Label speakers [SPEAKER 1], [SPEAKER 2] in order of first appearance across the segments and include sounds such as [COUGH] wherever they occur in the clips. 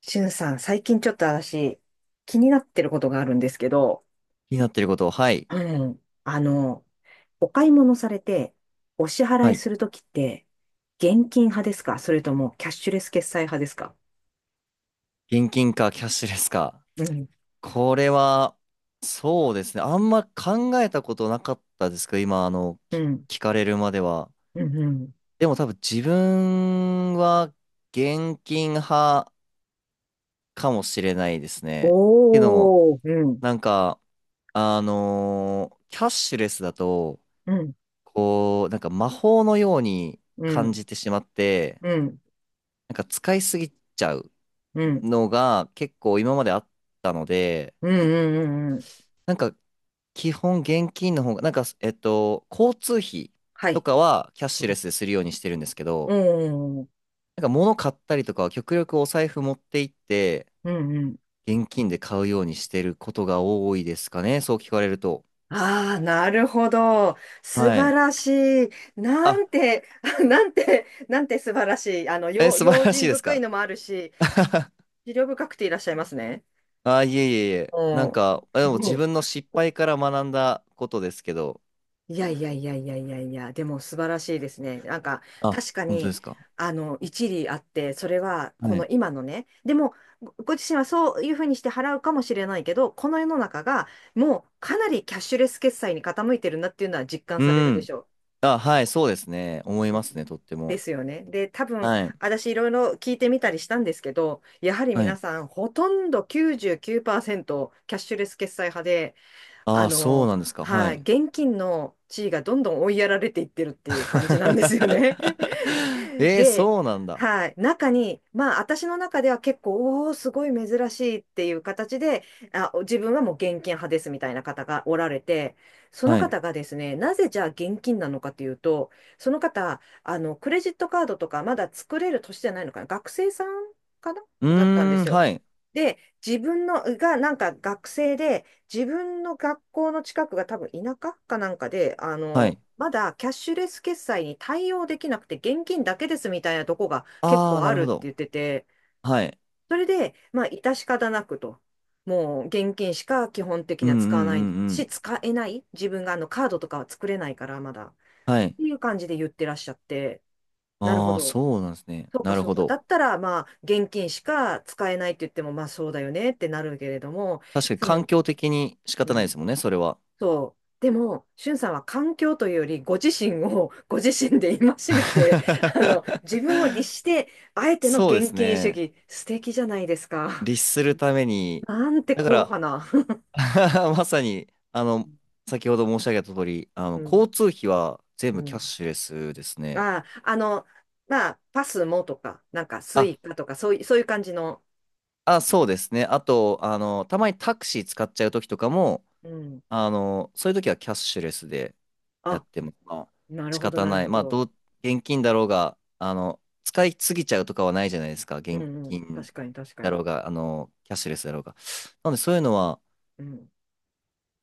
[SPEAKER 1] しゅんさん、最近ちょっと私、気になってることがあるんですけど、
[SPEAKER 2] 気になってること、はい。
[SPEAKER 1] うん、お買い物されて、お支払
[SPEAKER 2] は
[SPEAKER 1] い
[SPEAKER 2] い。
[SPEAKER 1] するときって、現金派ですか、それともキャッシュレス決済派ですか？
[SPEAKER 2] 現金かキャッシュレスか。
[SPEAKER 1] うん、
[SPEAKER 2] これは、そうですね。あんま考えたことなかったですけど、今、
[SPEAKER 1] う
[SPEAKER 2] き
[SPEAKER 1] ん、
[SPEAKER 2] 聞かれるまでは。
[SPEAKER 1] うん、うん。
[SPEAKER 2] でも多分自分は現金派かもしれないですね。けども、
[SPEAKER 1] おー、うん、
[SPEAKER 2] なんか、キャッシュレスだと、
[SPEAKER 1] うん、
[SPEAKER 2] こう、なんか魔法のように
[SPEAKER 1] う
[SPEAKER 2] 感
[SPEAKER 1] ん、
[SPEAKER 2] じてしまって、
[SPEAKER 1] うん、
[SPEAKER 2] なんか使いすぎちゃう。
[SPEAKER 1] うん、
[SPEAKER 2] のが結構今まであったので、
[SPEAKER 1] うん、うん、うん、うん。
[SPEAKER 2] なんか基本現金の方が、なんか、交通費
[SPEAKER 1] は
[SPEAKER 2] と
[SPEAKER 1] い。
[SPEAKER 2] かはキャッシュ
[SPEAKER 1] う
[SPEAKER 2] レ
[SPEAKER 1] ん、
[SPEAKER 2] スでするようにしてるんですけ
[SPEAKER 1] う
[SPEAKER 2] ど、
[SPEAKER 1] ん、うん、
[SPEAKER 2] なんか物買ったりとかは極力お財布持って行って
[SPEAKER 1] うん、
[SPEAKER 2] 現金で買うようにしてることが多いですかね、そう聞かれると。
[SPEAKER 1] ああ、なるほど。素
[SPEAKER 2] は
[SPEAKER 1] 晴
[SPEAKER 2] い。
[SPEAKER 1] らしい。な
[SPEAKER 2] あ、
[SPEAKER 1] んて、[LAUGHS] あ、なんて、なんて素晴らしい。
[SPEAKER 2] え、
[SPEAKER 1] 用
[SPEAKER 2] 素晴
[SPEAKER 1] 用
[SPEAKER 2] らし
[SPEAKER 1] 心
[SPEAKER 2] いです
[SPEAKER 1] 深い
[SPEAKER 2] か？
[SPEAKER 1] のもあるし、思慮深くていらっしゃいますね。
[SPEAKER 2] あいえいえいえ。
[SPEAKER 1] う
[SPEAKER 2] な
[SPEAKER 1] ん。
[SPEAKER 2] んか、でも
[SPEAKER 1] う
[SPEAKER 2] 自
[SPEAKER 1] ん。
[SPEAKER 2] 分の失敗から学んだことですけど。
[SPEAKER 1] いやいやいやいやいやいや、でも素晴らしいですね。なんか、
[SPEAKER 2] あ、
[SPEAKER 1] 確か
[SPEAKER 2] 本当で
[SPEAKER 1] に、
[SPEAKER 2] すか？
[SPEAKER 1] あの、一理あって、それは、こ
[SPEAKER 2] は
[SPEAKER 1] の
[SPEAKER 2] い。
[SPEAKER 1] 今のね、でも、ご自身はそういうふうにして払うかもしれないけど、この世の中が、もうかなりキャッシュレス決済に傾いてるなっていうのは実感
[SPEAKER 2] う
[SPEAKER 1] されるで
[SPEAKER 2] ん。
[SPEAKER 1] しょう。
[SPEAKER 2] あ、はい、そうですね。思い
[SPEAKER 1] で
[SPEAKER 2] ま
[SPEAKER 1] す
[SPEAKER 2] す
[SPEAKER 1] よ
[SPEAKER 2] ね、とって
[SPEAKER 1] で
[SPEAKER 2] も。
[SPEAKER 1] すよね。で、多分、
[SPEAKER 2] はい。
[SPEAKER 1] 私いろいろ聞いてみたりしたんですけど、やはり
[SPEAKER 2] は
[SPEAKER 1] 皆
[SPEAKER 2] い。
[SPEAKER 1] さん、ほとんど99%キャッシュレス決済派で、あ
[SPEAKER 2] ああ、そう
[SPEAKER 1] の、
[SPEAKER 2] なんですか。は
[SPEAKER 1] はい、
[SPEAKER 2] い。
[SPEAKER 1] 現金の地位がどんどん追いやられていってるっていう感じなんですよね。
[SPEAKER 2] [LAUGHS] えー、
[SPEAKER 1] で、
[SPEAKER 2] そうなんだ。
[SPEAKER 1] はい、中に、まあ、私の中では結構、おお、すごい珍しいっていう形で、あ、自分はもう現金派ですみたいな方がおられて、その
[SPEAKER 2] はい。
[SPEAKER 1] 方がですね、なぜじゃあ現金なのかというと、その方、あの、クレジットカードとかまだ作れる年じゃないのかな、学生さんかな、
[SPEAKER 2] う
[SPEAKER 1] だったんで
[SPEAKER 2] ーん、
[SPEAKER 1] すよ。
[SPEAKER 2] はい。
[SPEAKER 1] で、自分のがなんか学生で、自分の学校の近くが多分田舎かなんかで、あ
[SPEAKER 2] は
[SPEAKER 1] の、
[SPEAKER 2] い。
[SPEAKER 1] まだキャッシュレス決済に対応できなくて現金だけですみたいなとこが結
[SPEAKER 2] ああ、
[SPEAKER 1] 構
[SPEAKER 2] な
[SPEAKER 1] あ
[SPEAKER 2] る
[SPEAKER 1] る
[SPEAKER 2] ほ
[SPEAKER 1] って
[SPEAKER 2] ど。
[SPEAKER 1] 言ってて、
[SPEAKER 2] はい。
[SPEAKER 1] それで、まあ、致し方なくと。もう現金しか基本的
[SPEAKER 2] う
[SPEAKER 1] に
[SPEAKER 2] んう
[SPEAKER 1] は
[SPEAKER 2] ん
[SPEAKER 1] 使わない
[SPEAKER 2] うんう
[SPEAKER 1] し、
[SPEAKER 2] ん。
[SPEAKER 1] 使えない。自分があのカードとかは作れないからまだ。っ
[SPEAKER 2] はい。
[SPEAKER 1] ていう感じで言ってらっしゃって、なるほ
[SPEAKER 2] ああ、
[SPEAKER 1] ど。
[SPEAKER 2] そうなんですね。
[SPEAKER 1] そうか
[SPEAKER 2] なる
[SPEAKER 1] そう
[SPEAKER 2] ほ
[SPEAKER 1] か。だ
[SPEAKER 2] ど。
[SPEAKER 1] ったら、まあ、現金しか使えないって言っても、まあそうだよねってなるけれども、
[SPEAKER 2] 確かに
[SPEAKER 1] その、
[SPEAKER 2] 環境的に仕
[SPEAKER 1] う
[SPEAKER 2] 方ないで
[SPEAKER 1] ん、
[SPEAKER 2] すもんね、それは。
[SPEAKER 1] そう。でも、しゅんさんは環境というより、ご自身を [LAUGHS] ご自身で戒めて、あの、自
[SPEAKER 2] [LAUGHS]
[SPEAKER 1] 分を律して、あえての
[SPEAKER 2] そうで
[SPEAKER 1] 現
[SPEAKER 2] す
[SPEAKER 1] 金主
[SPEAKER 2] ね。
[SPEAKER 1] 義、素敵じゃないですか。
[SPEAKER 2] 律するために。
[SPEAKER 1] なんて
[SPEAKER 2] だか
[SPEAKER 1] 硬
[SPEAKER 2] ら、
[SPEAKER 1] 派な。
[SPEAKER 2] [LAUGHS] まさに、あの、先ほど申し上げた通り、あ
[SPEAKER 1] う
[SPEAKER 2] の、
[SPEAKER 1] ん。
[SPEAKER 2] 交通費は全
[SPEAKER 1] う
[SPEAKER 2] 部キャッ
[SPEAKER 1] ん。
[SPEAKER 2] シュレスですね。
[SPEAKER 1] ああ、あの、まあ、パスもとか、なんか、ス
[SPEAKER 2] あ、
[SPEAKER 1] イカとか、そういう、そういう感じの。
[SPEAKER 2] あ、そうですね。あと、あの、たまにタクシー使っちゃう時とかも、
[SPEAKER 1] うん。
[SPEAKER 2] あの、そういう時はキャッシュレスでやっ
[SPEAKER 1] あ、
[SPEAKER 2] ても、まあ、
[SPEAKER 1] なる
[SPEAKER 2] 仕
[SPEAKER 1] ほど、
[SPEAKER 2] 方
[SPEAKER 1] なる
[SPEAKER 2] ない。
[SPEAKER 1] ほ
[SPEAKER 2] まあ、
[SPEAKER 1] ど。
[SPEAKER 2] どう、現金だろうが、あの、使いすぎちゃうとかはないじゃないですか。
[SPEAKER 1] う
[SPEAKER 2] 現
[SPEAKER 1] んうん。
[SPEAKER 2] 金
[SPEAKER 1] 確かに、確か
[SPEAKER 2] だろ
[SPEAKER 1] に。
[SPEAKER 2] うが、あの、キャッシュレスだろうが。なので、そういうのは、
[SPEAKER 1] うん。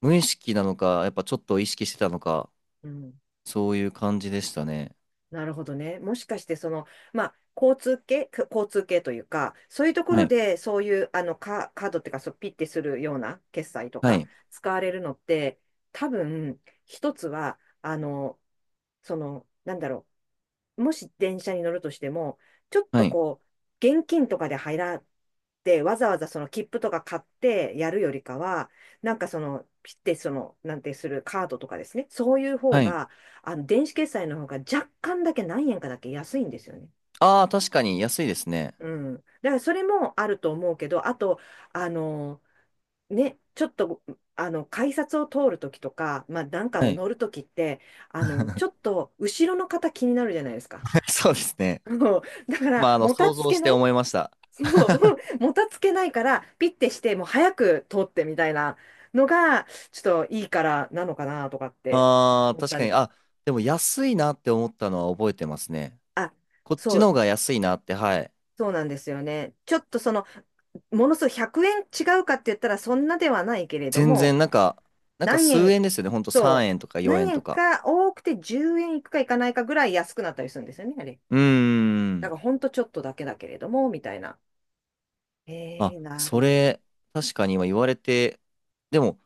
[SPEAKER 2] 無意識なのか、やっぱちょっと意識してたのか、
[SPEAKER 1] うん。
[SPEAKER 2] そういう感じでしたね。
[SPEAKER 1] なるほどね。もしかして、その、まあ、交通系、か交通系というか、そういうとこ
[SPEAKER 2] は
[SPEAKER 1] ろ
[SPEAKER 2] い
[SPEAKER 1] で、そういう、あの、カードっていうか、そう、ピッてするような決済と
[SPEAKER 2] は
[SPEAKER 1] か、
[SPEAKER 2] い。
[SPEAKER 1] 使われるのって、多分、一つは、あの、その、なんだろう、もし電車に乗るとしても、ちょっ
[SPEAKER 2] は
[SPEAKER 1] と
[SPEAKER 2] い。
[SPEAKER 1] こう、現金とかで入らって、わざわざその切符とか買ってやるよりかは、なんかその、ピッてその、なんてするカードとかですね、そういう方
[SPEAKER 2] はい。
[SPEAKER 1] が、あの、電子決済の方が若干だけ何円かだけ安いんですよね。
[SPEAKER 2] ああ、確かに安いですね。
[SPEAKER 1] うん。だからそれもあると思うけど、あと、あの、ね、ちょっと、あの、改札を通るときとか、まあ、なんか
[SPEAKER 2] は
[SPEAKER 1] を
[SPEAKER 2] い。
[SPEAKER 1] 乗るときって、あの、ちょっ
[SPEAKER 2] [LAUGHS]
[SPEAKER 1] と後ろの方気になるじゃないですか。
[SPEAKER 2] そうですね。
[SPEAKER 1] そう、 [LAUGHS] だか
[SPEAKER 2] ま
[SPEAKER 1] ら、
[SPEAKER 2] あ、あの、
[SPEAKER 1] もた
[SPEAKER 2] 想
[SPEAKER 1] つ
[SPEAKER 2] 像
[SPEAKER 1] け
[SPEAKER 2] して
[SPEAKER 1] ない。
[SPEAKER 2] 思いました。
[SPEAKER 1] [LAUGHS] そう、[LAUGHS]
[SPEAKER 2] [LAUGHS]
[SPEAKER 1] もたつけないから、ピッてして、もう早く通ってみたいなのが、ちょっといいからなのかなとかって
[SPEAKER 2] ああ、
[SPEAKER 1] 思っ
[SPEAKER 2] 確
[SPEAKER 1] た
[SPEAKER 2] か
[SPEAKER 1] り
[SPEAKER 2] に。
[SPEAKER 1] とか。
[SPEAKER 2] あ、でも安いなって思ったのは覚えてますね。
[SPEAKER 1] あ、
[SPEAKER 2] こっ
[SPEAKER 1] そ
[SPEAKER 2] ちの
[SPEAKER 1] う、
[SPEAKER 2] 方が安いなって、はい。
[SPEAKER 1] そうなんですよね。ちょっとその、ものすごい100円違うかって言ったら、そんなではないけれど
[SPEAKER 2] 全然、
[SPEAKER 1] も、
[SPEAKER 2] なんか
[SPEAKER 1] 何
[SPEAKER 2] 数
[SPEAKER 1] 円、
[SPEAKER 2] 円ですよね。ほんと3
[SPEAKER 1] そ
[SPEAKER 2] 円とか
[SPEAKER 1] う、
[SPEAKER 2] 4
[SPEAKER 1] 何
[SPEAKER 2] 円と
[SPEAKER 1] 円
[SPEAKER 2] か。
[SPEAKER 1] か多くて10円いくかいかないかぐらい安くなったりするんですよね、あれ。
[SPEAKER 2] うー
[SPEAKER 1] だ
[SPEAKER 2] ん。
[SPEAKER 1] から、ほんとちょっとだけだけれども、みたいな。え
[SPEAKER 2] あ、
[SPEAKER 1] ー、なる
[SPEAKER 2] そ
[SPEAKER 1] ほど。
[SPEAKER 2] れ、確かに今言われて、でも、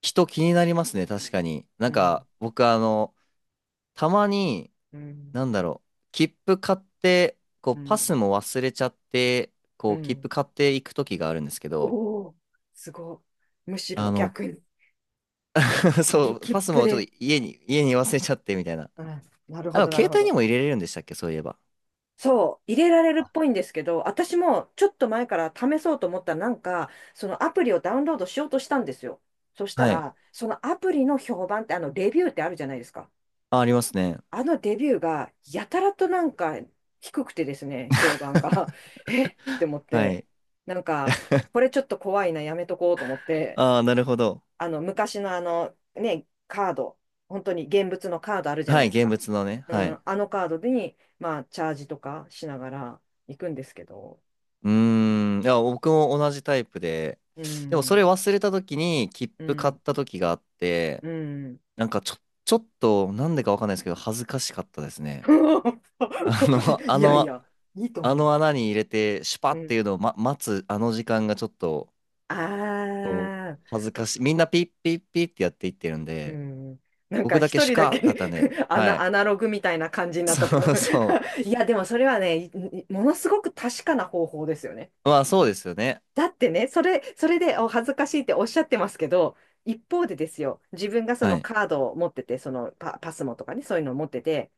[SPEAKER 2] 人気になりますね。確かに。な
[SPEAKER 1] う
[SPEAKER 2] ん
[SPEAKER 1] ん。
[SPEAKER 2] か、僕、あの、たまに、
[SPEAKER 1] うん
[SPEAKER 2] なんだろう、切符買って、こう、
[SPEAKER 1] う
[SPEAKER 2] パス
[SPEAKER 1] ん。
[SPEAKER 2] も忘れちゃって、
[SPEAKER 1] う
[SPEAKER 2] こう、切符
[SPEAKER 1] ん。
[SPEAKER 2] 買っていく時があるんですけ
[SPEAKER 1] お
[SPEAKER 2] ど、
[SPEAKER 1] お、すごい。むし
[SPEAKER 2] あ
[SPEAKER 1] ろ
[SPEAKER 2] の、
[SPEAKER 1] 逆に、
[SPEAKER 2] [LAUGHS] そう、
[SPEAKER 1] 切
[SPEAKER 2] パス
[SPEAKER 1] 符
[SPEAKER 2] もちょっ
[SPEAKER 1] で。
[SPEAKER 2] と家に忘れちゃってみたいな。
[SPEAKER 1] うん。なる
[SPEAKER 2] あ
[SPEAKER 1] ほ
[SPEAKER 2] の、
[SPEAKER 1] ど、
[SPEAKER 2] で
[SPEAKER 1] な
[SPEAKER 2] も
[SPEAKER 1] る
[SPEAKER 2] 携
[SPEAKER 1] ほ
[SPEAKER 2] 帯に
[SPEAKER 1] ど。
[SPEAKER 2] も入れれるんでしたっけ、そういえば。
[SPEAKER 1] そう、入れられる
[SPEAKER 2] あ
[SPEAKER 1] っぽいんですけど、私もちょっと前から試そうと思ったら、なんか、そのアプリをダウンロードしようとしたんですよ。そした
[SPEAKER 2] はい。
[SPEAKER 1] ら、そのアプリの評判って、あの、レビューってあるじゃないですか。
[SPEAKER 2] あ、ありますね。
[SPEAKER 1] あのレビューが、やたらとなんか、低くてですね、評判が。
[SPEAKER 2] [LAUGHS]
[SPEAKER 1] [LAUGHS] えって思っ
[SPEAKER 2] は
[SPEAKER 1] て、
[SPEAKER 2] い。
[SPEAKER 1] なんか、これちょっと怖いな、やめとこうと思って、
[SPEAKER 2] ああ、なるほど。
[SPEAKER 1] あの昔のあのね、カード、本当に現物のカードあるじゃな
[SPEAKER 2] は
[SPEAKER 1] い
[SPEAKER 2] い、
[SPEAKER 1] です
[SPEAKER 2] 現
[SPEAKER 1] か。
[SPEAKER 2] 物のね。
[SPEAKER 1] う
[SPEAKER 2] はい。
[SPEAKER 1] ん、あのカードに、まあ、チャージとかしながら行くんですけど、
[SPEAKER 2] うーん。いや、僕も同じタイプで、
[SPEAKER 1] う
[SPEAKER 2] でもそれ
[SPEAKER 1] ん、
[SPEAKER 2] 忘れた時に切
[SPEAKER 1] う
[SPEAKER 2] 符買っ
[SPEAKER 1] ん、
[SPEAKER 2] た時があって、
[SPEAKER 1] うん。
[SPEAKER 2] なんかちょ、ちょっと、なんでかわかんないですけど、恥ずかしかったですね。[LAUGHS] あの、
[SPEAKER 1] [LAUGHS]
[SPEAKER 2] あ
[SPEAKER 1] いやい
[SPEAKER 2] の、
[SPEAKER 1] や、いいと
[SPEAKER 2] あ
[SPEAKER 1] 思
[SPEAKER 2] の穴に入れて、シュパ
[SPEAKER 1] う。う
[SPEAKER 2] って
[SPEAKER 1] ん。
[SPEAKER 2] いうのを、待つ、あの時間がちょっと、こう、
[SPEAKER 1] ああ、
[SPEAKER 2] 恥ずかしい。みんなピッピッピッってやっていってるん
[SPEAKER 1] う
[SPEAKER 2] で、
[SPEAKER 1] ん。なん
[SPEAKER 2] 僕
[SPEAKER 1] か
[SPEAKER 2] だけ
[SPEAKER 1] 一
[SPEAKER 2] シュ
[SPEAKER 1] 人だ
[SPEAKER 2] カだった
[SPEAKER 1] け、
[SPEAKER 2] ね。
[SPEAKER 1] [LAUGHS]
[SPEAKER 2] は
[SPEAKER 1] ア
[SPEAKER 2] い。
[SPEAKER 1] ナログみたいな感じに
[SPEAKER 2] [LAUGHS]
[SPEAKER 1] なったって
[SPEAKER 2] そ
[SPEAKER 1] こ
[SPEAKER 2] う
[SPEAKER 1] と。
[SPEAKER 2] そ
[SPEAKER 1] [LAUGHS] いや、でもそれはね、ものすごく確かな方法ですよね。
[SPEAKER 2] う。まあ、そうですよね。
[SPEAKER 1] だってね、それ、それでお恥ずかしいっておっしゃってますけど、一方でですよ、自分がそ
[SPEAKER 2] は
[SPEAKER 1] の
[SPEAKER 2] い。
[SPEAKER 1] カードを持ってて、そのパスモとかね、そういうのを持ってて、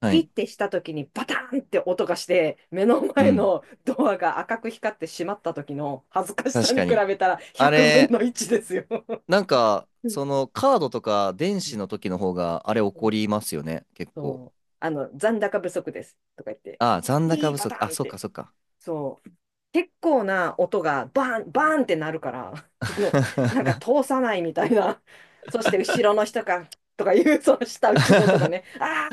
[SPEAKER 2] は
[SPEAKER 1] ピッ
[SPEAKER 2] い。
[SPEAKER 1] てした時にバタンって音がして、目の
[SPEAKER 2] う
[SPEAKER 1] 前
[SPEAKER 2] ん。
[SPEAKER 1] のドアが赤く光ってしまった時の恥ずかしさ
[SPEAKER 2] 確
[SPEAKER 1] に
[SPEAKER 2] か
[SPEAKER 1] 比
[SPEAKER 2] に。
[SPEAKER 1] べたら
[SPEAKER 2] あ
[SPEAKER 1] 100分
[SPEAKER 2] れ、
[SPEAKER 1] の1ですよ。
[SPEAKER 2] なんか、
[SPEAKER 1] うん、
[SPEAKER 2] その、カードとか電
[SPEAKER 1] う
[SPEAKER 2] 子
[SPEAKER 1] ん、
[SPEAKER 2] の時の方が、あれ起
[SPEAKER 1] う
[SPEAKER 2] こ
[SPEAKER 1] ん、
[SPEAKER 2] りますよね。結構。
[SPEAKER 1] そう。あの、残高不足ですとか言って、
[SPEAKER 2] ああ、残
[SPEAKER 1] ピ
[SPEAKER 2] 高
[SPEAKER 1] ー
[SPEAKER 2] 不
[SPEAKER 1] パ
[SPEAKER 2] 足。
[SPEAKER 1] タ
[SPEAKER 2] あ、
[SPEAKER 1] ンっ
[SPEAKER 2] そっか
[SPEAKER 1] て。
[SPEAKER 2] そっか。
[SPEAKER 1] そう。結構な音がバーン、バーンってなるから、[LAUGHS] その、なんか
[SPEAKER 2] [LAUGHS]
[SPEAKER 1] 通さないみたいな。[LAUGHS] そして後ろの人が、とかいう、その下打ちの音がね、あ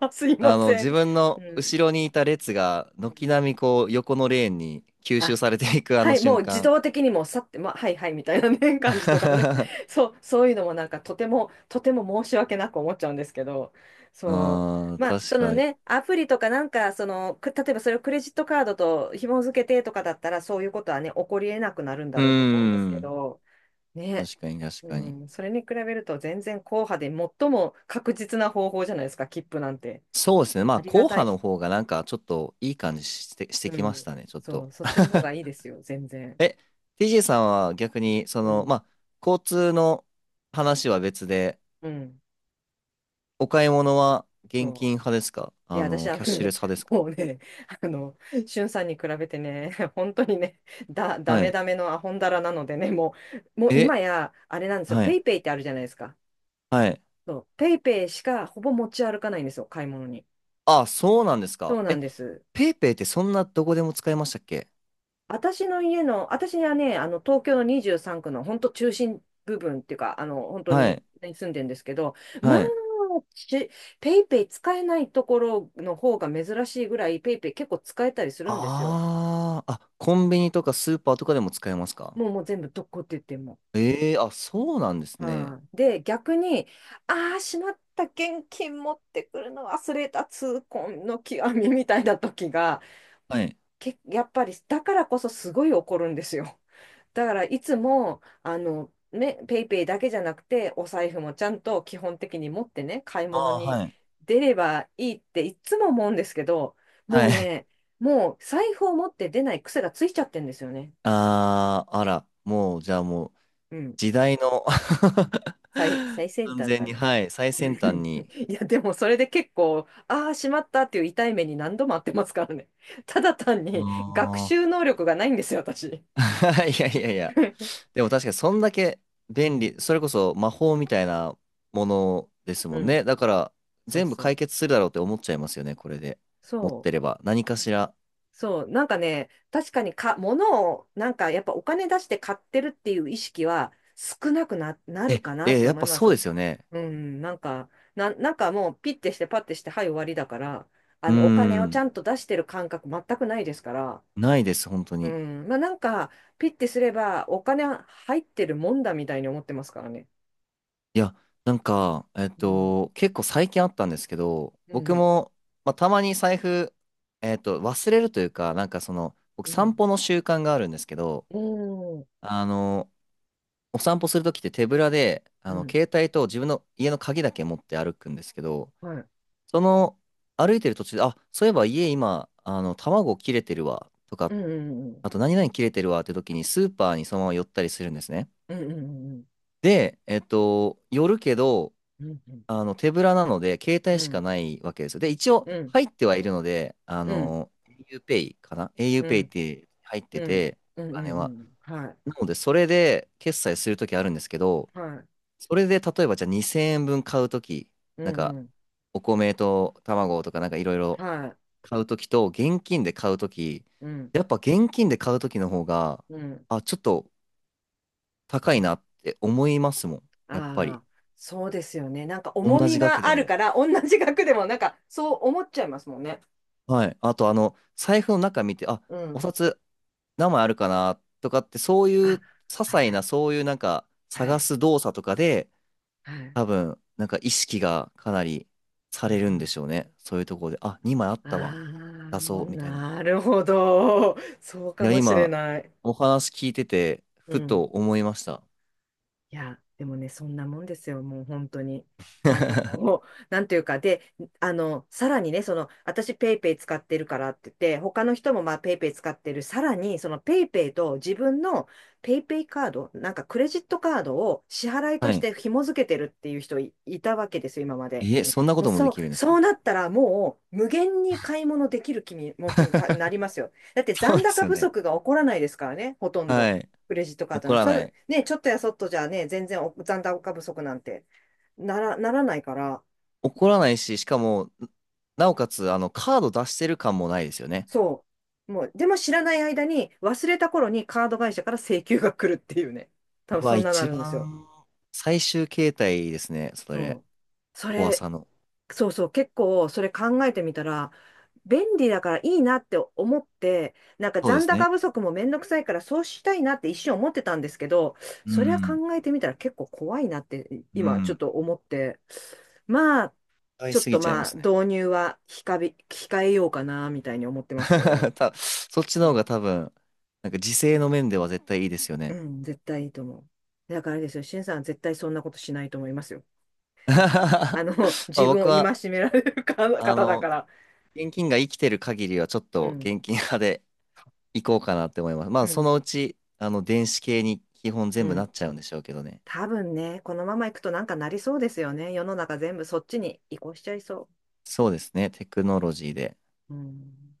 [SPEAKER 1] あ、[LAUGHS] すいま
[SPEAKER 2] あの、
[SPEAKER 1] せん。
[SPEAKER 2] 自分
[SPEAKER 1] う
[SPEAKER 2] の
[SPEAKER 1] ん。
[SPEAKER 2] 後ろにいた列が、
[SPEAKER 1] う
[SPEAKER 2] 軒
[SPEAKER 1] ん。
[SPEAKER 2] 並みこう、横のレーンに吸収
[SPEAKER 1] あ、
[SPEAKER 2] されていくあの
[SPEAKER 1] はい、も
[SPEAKER 2] 瞬
[SPEAKER 1] う自
[SPEAKER 2] 間。
[SPEAKER 1] 動的にもうさって、まあ、はいはいみたいなね、[LAUGHS] 感じとかね。
[SPEAKER 2] [LAUGHS] あ
[SPEAKER 1] [LAUGHS] そう、そういうのもなんかとても、とても申し訳なく思っちゃうんですけど、そう。
[SPEAKER 2] あ、
[SPEAKER 1] まあ、そ
[SPEAKER 2] 確
[SPEAKER 1] の
[SPEAKER 2] かに。
[SPEAKER 1] ね、アプリとかなんか、その、例えばそれをクレジットカードと紐付けてとかだったら、そういうことはね、起こり得なくなるんだ
[SPEAKER 2] うー
[SPEAKER 1] ろうと思うんですけ
[SPEAKER 2] ん。
[SPEAKER 1] ど、ね、
[SPEAKER 2] 確かに、確
[SPEAKER 1] う
[SPEAKER 2] かに。
[SPEAKER 1] ん、それに比べると全然硬派で最も確実な方法じゃないですか、切符なんて。
[SPEAKER 2] そうですね。ま
[SPEAKER 1] あ
[SPEAKER 2] あ、
[SPEAKER 1] り
[SPEAKER 2] 後
[SPEAKER 1] がた
[SPEAKER 2] 派
[SPEAKER 1] い。
[SPEAKER 2] の方がなんか、ちょっといい感じして、して
[SPEAKER 1] う
[SPEAKER 2] きまし
[SPEAKER 1] ん、
[SPEAKER 2] たね、ちょっ
[SPEAKER 1] そ
[SPEAKER 2] と。
[SPEAKER 1] う、そっちの方がいいで
[SPEAKER 2] [LAUGHS]
[SPEAKER 1] すよ、全然。
[SPEAKER 2] え、TJ さんは逆に、そ
[SPEAKER 1] う
[SPEAKER 2] の、ま
[SPEAKER 1] ん、
[SPEAKER 2] あ、交通の話は別で、
[SPEAKER 1] うん、
[SPEAKER 2] お買い物は現金
[SPEAKER 1] そう。
[SPEAKER 2] 派ですか？
[SPEAKER 1] い
[SPEAKER 2] あ
[SPEAKER 1] や、私
[SPEAKER 2] の、
[SPEAKER 1] は
[SPEAKER 2] キャッシュレ
[SPEAKER 1] ね、
[SPEAKER 2] ス派です
[SPEAKER 1] [LAUGHS]
[SPEAKER 2] か？
[SPEAKER 1] もうね、あの、しゅんさんに比べてね、[LAUGHS] 本当にね、ダ
[SPEAKER 2] は
[SPEAKER 1] メ
[SPEAKER 2] い。
[SPEAKER 1] ダメのアホンダラなのでね、もう
[SPEAKER 2] え、
[SPEAKER 1] 今や、あれなんですよ、
[SPEAKER 2] は
[SPEAKER 1] ペ
[SPEAKER 2] い。
[SPEAKER 1] イペイってあるじゃないですか。
[SPEAKER 2] はい、
[SPEAKER 1] そう、ペイペイしかほぼ持ち歩かないんですよ、買い物に。
[SPEAKER 2] あ、そうなんです
[SPEAKER 1] そ
[SPEAKER 2] か。
[SPEAKER 1] うなん
[SPEAKER 2] え、
[SPEAKER 1] です。
[SPEAKER 2] ペイペイってそんなどこでも使えましたっけ？
[SPEAKER 1] 私はね、あの、東京の23区の本当中心部分っていうか、あの、本当
[SPEAKER 2] は
[SPEAKER 1] に
[SPEAKER 2] い。
[SPEAKER 1] ね住んでるんですけど、まあ、
[SPEAKER 2] はい。
[SPEAKER 1] しペイペイ使えないところの方が珍しいぐらい、ペイペイ結構使えたりするんですよ。
[SPEAKER 2] ああ、あ、コンビニとかスーパーとかでも使えますか？
[SPEAKER 1] もうもう全部どこって言っても。
[SPEAKER 2] ええー、あ、そうなんですね。
[SPEAKER 1] はい。で、逆に、ああ、しまった、現金持ってくるの忘れた、痛恨の極みみたいな時が、
[SPEAKER 2] はい。
[SPEAKER 1] やっぱり、だからこそすごい怒るんですよ。だから、いつも、ね、ペイペイだけじゃなくて、お財布もちゃんと基本的に持ってね、買い
[SPEAKER 2] あ
[SPEAKER 1] 物
[SPEAKER 2] あ、
[SPEAKER 1] に
[SPEAKER 2] はい。
[SPEAKER 1] 出ればいいっていつも思うんですけど、もう
[SPEAKER 2] はい。
[SPEAKER 1] ね、もう財布を持って出ない癖がついちゃってんですよね。
[SPEAKER 2] [LAUGHS] ああ、あら、もう、じゃあもう、
[SPEAKER 1] うん。
[SPEAKER 2] 時代の
[SPEAKER 1] 最
[SPEAKER 2] [LAUGHS]
[SPEAKER 1] 先
[SPEAKER 2] 完
[SPEAKER 1] 端
[SPEAKER 2] 全
[SPEAKER 1] か
[SPEAKER 2] に、
[SPEAKER 1] な。
[SPEAKER 2] はい、最先端に。
[SPEAKER 1] いや、でもそれで結構、ああ、しまったっていう痛い目に何度もあってますからね。[LAUGHS] ただ単
[SPEAKER 2] あ
[SPEAKER 1] に学
[SPEAKER 2] あ。
[SPEAKER 1] 習能力がないんですよ、私。
[SPEAKER 2] [LAUGHS] いやいやいや。
[SPEAKER 1] [LAUGHS]
[SPEAKER 2] でも確かにそんだけ
[SPEAKER 1] う
[SPEAKER 2] 便
[SPEAKER 1] ん。
[SPEAKER 2] 利、それこそ魔
[SPEAKER 1] う
[SPEAKER 2] 法み
[SPEAKER 1] ん。
[SPEAKER 2] たいなものですも
[SPEAKER 1] う
[SPEAKER 2] んね。
[SPEAKER 1] ん。
[SPEAKER 2] だから
[SPEAKER 1] そう
[SPEAKER 2] 全部
[SPEAKER 1] そ
[SPEAKER 2] 解
[SPEAKER 1] う。
[SPEAKER 2] 決するだろうって思っちゃいますよね、これで。持っ
[SPEAKER 1] そ
[SPEAKER 2] てれ
[SPEAKER 1] う。
[SPEAKER 2] ば。何かしら。
[SPEAKER 1] そう。なんか、確かに、物を、やっぱお金出して買ってるっていう意識は少なくな、なる
[SPEAKER 2] え、
[SPEAKER 1] かなっ
[SPEAKER 2] え、
[SPEAKER 1] て
[SPEAKER 2] やっ
[SPEAKER 1] 思い
[SPEAKER 2] ぱ
[SPEAKER 1] ま
[SPEAKER 2] そうで
[SPEAKER 1] す。
[SPEAKER 2] すよね。
[SPEAKER 1] うん。なんかもうピッてしてパッてして、はい、終わりだから、
[SPEAKER 2] うー
[SPEAKER 1] お金をち
[SPEAKER 2] ん。
[SPEAKER 1] ゃんと出してる感覚全くないですから、
[SPEAKER 2] ないです、本当
[SPEAKER 1] う
[SPEAKER 2] に。
[SPEAKER 1] ん。まあなんか、ピッてすればお金入ってるもんだみたいに思ってますからね。
[SPEAKER 2] いや、なんか、
[SPEAKER 1] うん。
[SPEAKER 2] 結構最近あったんですけど、
[SPEAKER 1] う
[SPEAKER 2] 僕
[SPEAKER 1] ん。
[SPEAKER 2] も、まあ、たまに財布、忘れるというか、なんかその、僕
[SPEAKER 1] う
[SPEAKER 2] 散
[SPEAKER 1] ん。
[SPEAKER 2] 歩の習慣があるんですけど、
[SPEAKER 1] うん。
[SPEAKER 2] あの、お散歩するときって手ぶらで、あ
[SPEAKER 1] う
[SPEAKER 2] の、
[SPEAKER 1] ん。
[SPEAKER 2] 携帯と自分の家の鍵だけ持って歩くんですけど、
[SPEAKER 1] はい。
[SPEAKER 2] その、歩いてる途中で、あ、そういえば家今、あの、卵切れてるわ、と
[SPEAKER 1] う
[SPEAKER 2] か、
[SPEAKER 1] ん。うん。
[SPEAKER 2] あと何々切れてるわって時にスーパーにそのまま寄ったりするんですね。
[SPEAKER 1] うん。うん。
[SPEAKER 2] で、寄るけど、
[SPEAKER 1] うん。
[SPEAKER 2] あの、手ぶらなので、携帯
[SPEAKER 1] う
[SPEAKER 2] しか
[SPEAKER 1] ん。
[SPEAKER 2] ないわけですよ。で、一応、
[SPEAKER 1] うん。
[SPEAKER 2] 入ってはいるので、あ
[SPEAKER 1] うん。
[SPEAKER 2] の、auPay かな？
[SPEAKER 1] う
[SPEAKER 2] auPay っ
[SPEAKER 1] ん。
[SPEAKER 2] て入って
[SPEAKER 1] うん。
[SPEAKER 2] て、
[SPEAKER 1] うん
[SPEAKER 2] お
[SPEAKER 1] うん。うんう
[SPEAKER 2] 金
[SPEAKER 1] んう
[SPEAKER 2] は。
[SPEAKER 1] ん。はい。
[SPEAKER 2] なので、それで決済するときあるんですけど、
[SPEAKER 1] はい。
[SPEAKER 2] それで例えばじゃあ2000円分買うとき、
[SPEAKER 1] う
[SPEAKER 2] なん
[SPEAKER 1] ん。
[SPEAKER 2] か
[SPEAKER 1] うん。
[SPEAKER 2] お米と卵とかなんかいろいろ
[SPEAKER 1] はい。
[SPEAKER 2] 買うときと現金で買うとき、
[SPEAKER 1] うん。
[SPEAKER 2] やっぱ現金で買うときの方が、
[SPEAKER 1] うん。
[SPEAKER 2] あ、ちょっと高
[SPEAKER 1] う
[SPEAKER 2] い
[SPEAKER 1] ん。
[SPEAKER 2] なって思いますもん。やっぱり。
[SPEAKER 1] ああ、そうですよね。なんか
[SPEAKER 2] 同
[SPEAKER 1] 重み
[SPEAKER 2] じ額
[SPEAKER 1] が
[SPEAKER 2] で
[SPEAKER 1] ある
[SPEAKER 2] も。
[SPEAKER 1] から、同じ額でもなんかそう思っちゃいますもんね。
[SPEAKER 2] はい。あとあの、財布の中見て、あ、
[SPEAKER 1] う
[SPEAKER 2] お
[SPEAKER 1] ん。
[SPEAKER 2] 札何枚あるかなとかって、そういう
[SPEAKER 1] あ、
[SPEAKER 2] 些
[SPEAKER 1] はい
[SPEAKER 2] 細
[SPEAKER 1] は
[SPEAKER 2] な
[SPEAKER 1] い。
[SPEAKER 2] そういうなんか
[SPEAKER 1] は
[SPEAKER 2] 探
[SPEAKER 1] い。
[SPEAKER 2] す動作とかで、
[SPEAKER 1] はい。
[SPEAKER 2] 多分、なんか意識がかなりされるんでし
[SPEAKER 1] あ
[SPEAKER 2] ょうね。そういうところで、あ、2枚あっ
[SPEAKER 1] あ
[SPEAKER 2] たわ。出そう、
[SPEAKER 1] ー、
[SPEAKER 2] みたいな。
[SPEAKER 1] なるほど。そう
[SPEAKER 2] い
[SPEAKER 1] か
[SPEAKER 2] や、
[SPEAKER 1] もしれ
[SPEAKER 2] 今、
[SPEAKER 1] ない。
[SPEAKER 2] お話聞いてて、
[SPEAKER 1] う
[SPEAKER 2] ふと
[SPEAKER 1] ん。
[SPEAKER 2] 思いました。
[SPEAKER 1] いや、でもね、そんなもんですよ、もう本当に。あの、もう
[SPEAKER 2] [LAUGHS]
[SPEAKER 1] なんていうか、で、あの、さらにね、その、私ペイペイ使ってるからって言って、他の人もまあ、ペイペイ使ってる、さらに、その、ペイペイと自分のペイペイカード、なんかクレジットカードを支払いと
[SPEAKER 2] は
[SPEAKER 1] し
[SPEAKER 2] い。
[SPEAKER 1] て紐付けてるっていういたわけですよ、今まで。
[SPEAKER 2] え、そんなこ
[SPEAKER 1] もう、
[SPEAKER 2] とも
[SPEAKER 1] そ
[SPEAKER 2] で
[SPEAKER 1] う、
[SPEAKER 2] きるんです
[SPEAKER 1] そう
[SPEAKER 2] ね。
[SPEAKER 1] なったら、もう、無限に買い物できる気持ちになりますよ。だって、
[SPEAKER 2] そう
[SPEAKER 1] 残
[SPEAKER 2] です
[SPEAKER 1] 高
[SPEAKER 2] よ
[SPEAKER 1] 不
[SPEAKER 2] ね。
[SPEAKER 1] 足が起こらないですからね、ほとんど。
[SPEAKER 2] はい。
[SPEAKER 1] クレジットカード
[SPEAKER 2] 怒
[SPEAKER 1] な、
[SPEAKER 2] ら
[SPEAKER 1] そ
[SPEAKER 2] な
[SPEAKER 1] ん、
[SPEAKER 2] い。
[SPEAKER 1] ね、ちょっとやそっとじゃね、全然お残高不足なんてならないから、
[SPEAKER 2] 怒らないし、しかも、なおかつ、あの、カード出してる感もないですよね。
[SPEAKER 1] そう。もう、でも知らない間に、忘れた頃にカード会社から請求が来るっていうね。多分
[SPEAKER 2] うわ、
[SPEAKER 1] そんなな
[SPEAKER 2] 一
[SPEAKER 1] るんですよ。
[SPEAKER 2] 番最終形態ですね。それ。
[SPEAKER 1] そう。そ
[SPEAKER 2] 怖
[SPEAKER 1] れ、
[SPEAKER 2] さの。
[SPEAKER 1] そうそう、結構それ考えてみたら、便利だからいいなって思って、なんか
[SPEAKER 2] そうで
[SPEAKER 1] 残
[SPEAKER 2] すね。
[SPEAKER 1] 高不足もめんどくさいからそうしたいなって一瞬思ってたんですけど、
[SPEAKER 2] う
[SPEAKER 1] それは
[SPEAKER 2] ん。
[SPEAKER 1] 考えてみたら結構怖いなって
[SPEAKER 2] う
[SPEAKER 1] 今ちょっ
[SPEAKER 2] ん。
[SPEAKER 1] と思って、まあ、
[SPEAKER 2] 使い
[SPEAKER 1] ちょっ
[SPEAKER 2] すぎ
[SPEAKER 1] と
[SPEAKER 2] ちゃいま
[SPEAKER 1] まあ、
[SPEAKER 2] すね。
[SPEAKER 1] 導入は控えようかな、みたいに思ってますけどね。
[SPEAKER 2] [LAUGHS] そっちの
[SPEAKER 1] う
[SPEAKER 2] 方
[SPEAKER 1] ん
[SPEAKER 2] が多分、なんか時勢の面では絶対いいですよ
[SPEAKER 1] う
[SPEAKER 2] ね。
[SPEAKER 1] ん、絶対いいと思う。だからあれですよ、しんさんは絶対そんなことしないと思いますよ。
[SPEAKER 2] [LAUGHS]
[SPEAKER 1] じ
[SPEAKER 2] ま
[SPEAKER 1] あの、
[SPEAKER 2] あ
[SPEAKER 1] 自分を
[SPEAKER 2] 僕は、
[SPEAKER 1] 戒められる
[SPEAKER 2] あ
[SPEAKER 1] 方だか
[SPEAKER 2] の、
[SPEAKER 1] ら。
[SPEAKER 2] 現金が生きてる限りはちょっ
[SPEAKER 1] う
[SPEAKER 2] と
[SPEAKER 1] ん、
[SPEAKER 2] 現金派で行こうかなって思います。ま
[SPEAKER 1] う
[SPEAKER 2] あそ
[SPEAKER 1] ん、
[SPEAKER 2] のうち、あの、電子系に基本
[SPEAKER 1] う
[SPEAKER 2] 全部な
[SPEAKER 1] ん。
[SPEAKER 2] っちゃうんでしょうけどね。
[SPEAKER 1] 多分ね、このままいくとなんかなりそうですよね。世の中全部そっちに移行しちゃいそ
[SPEAKER 2] そうですね、テクノロジーで。
[SPEAKER 1] う。うん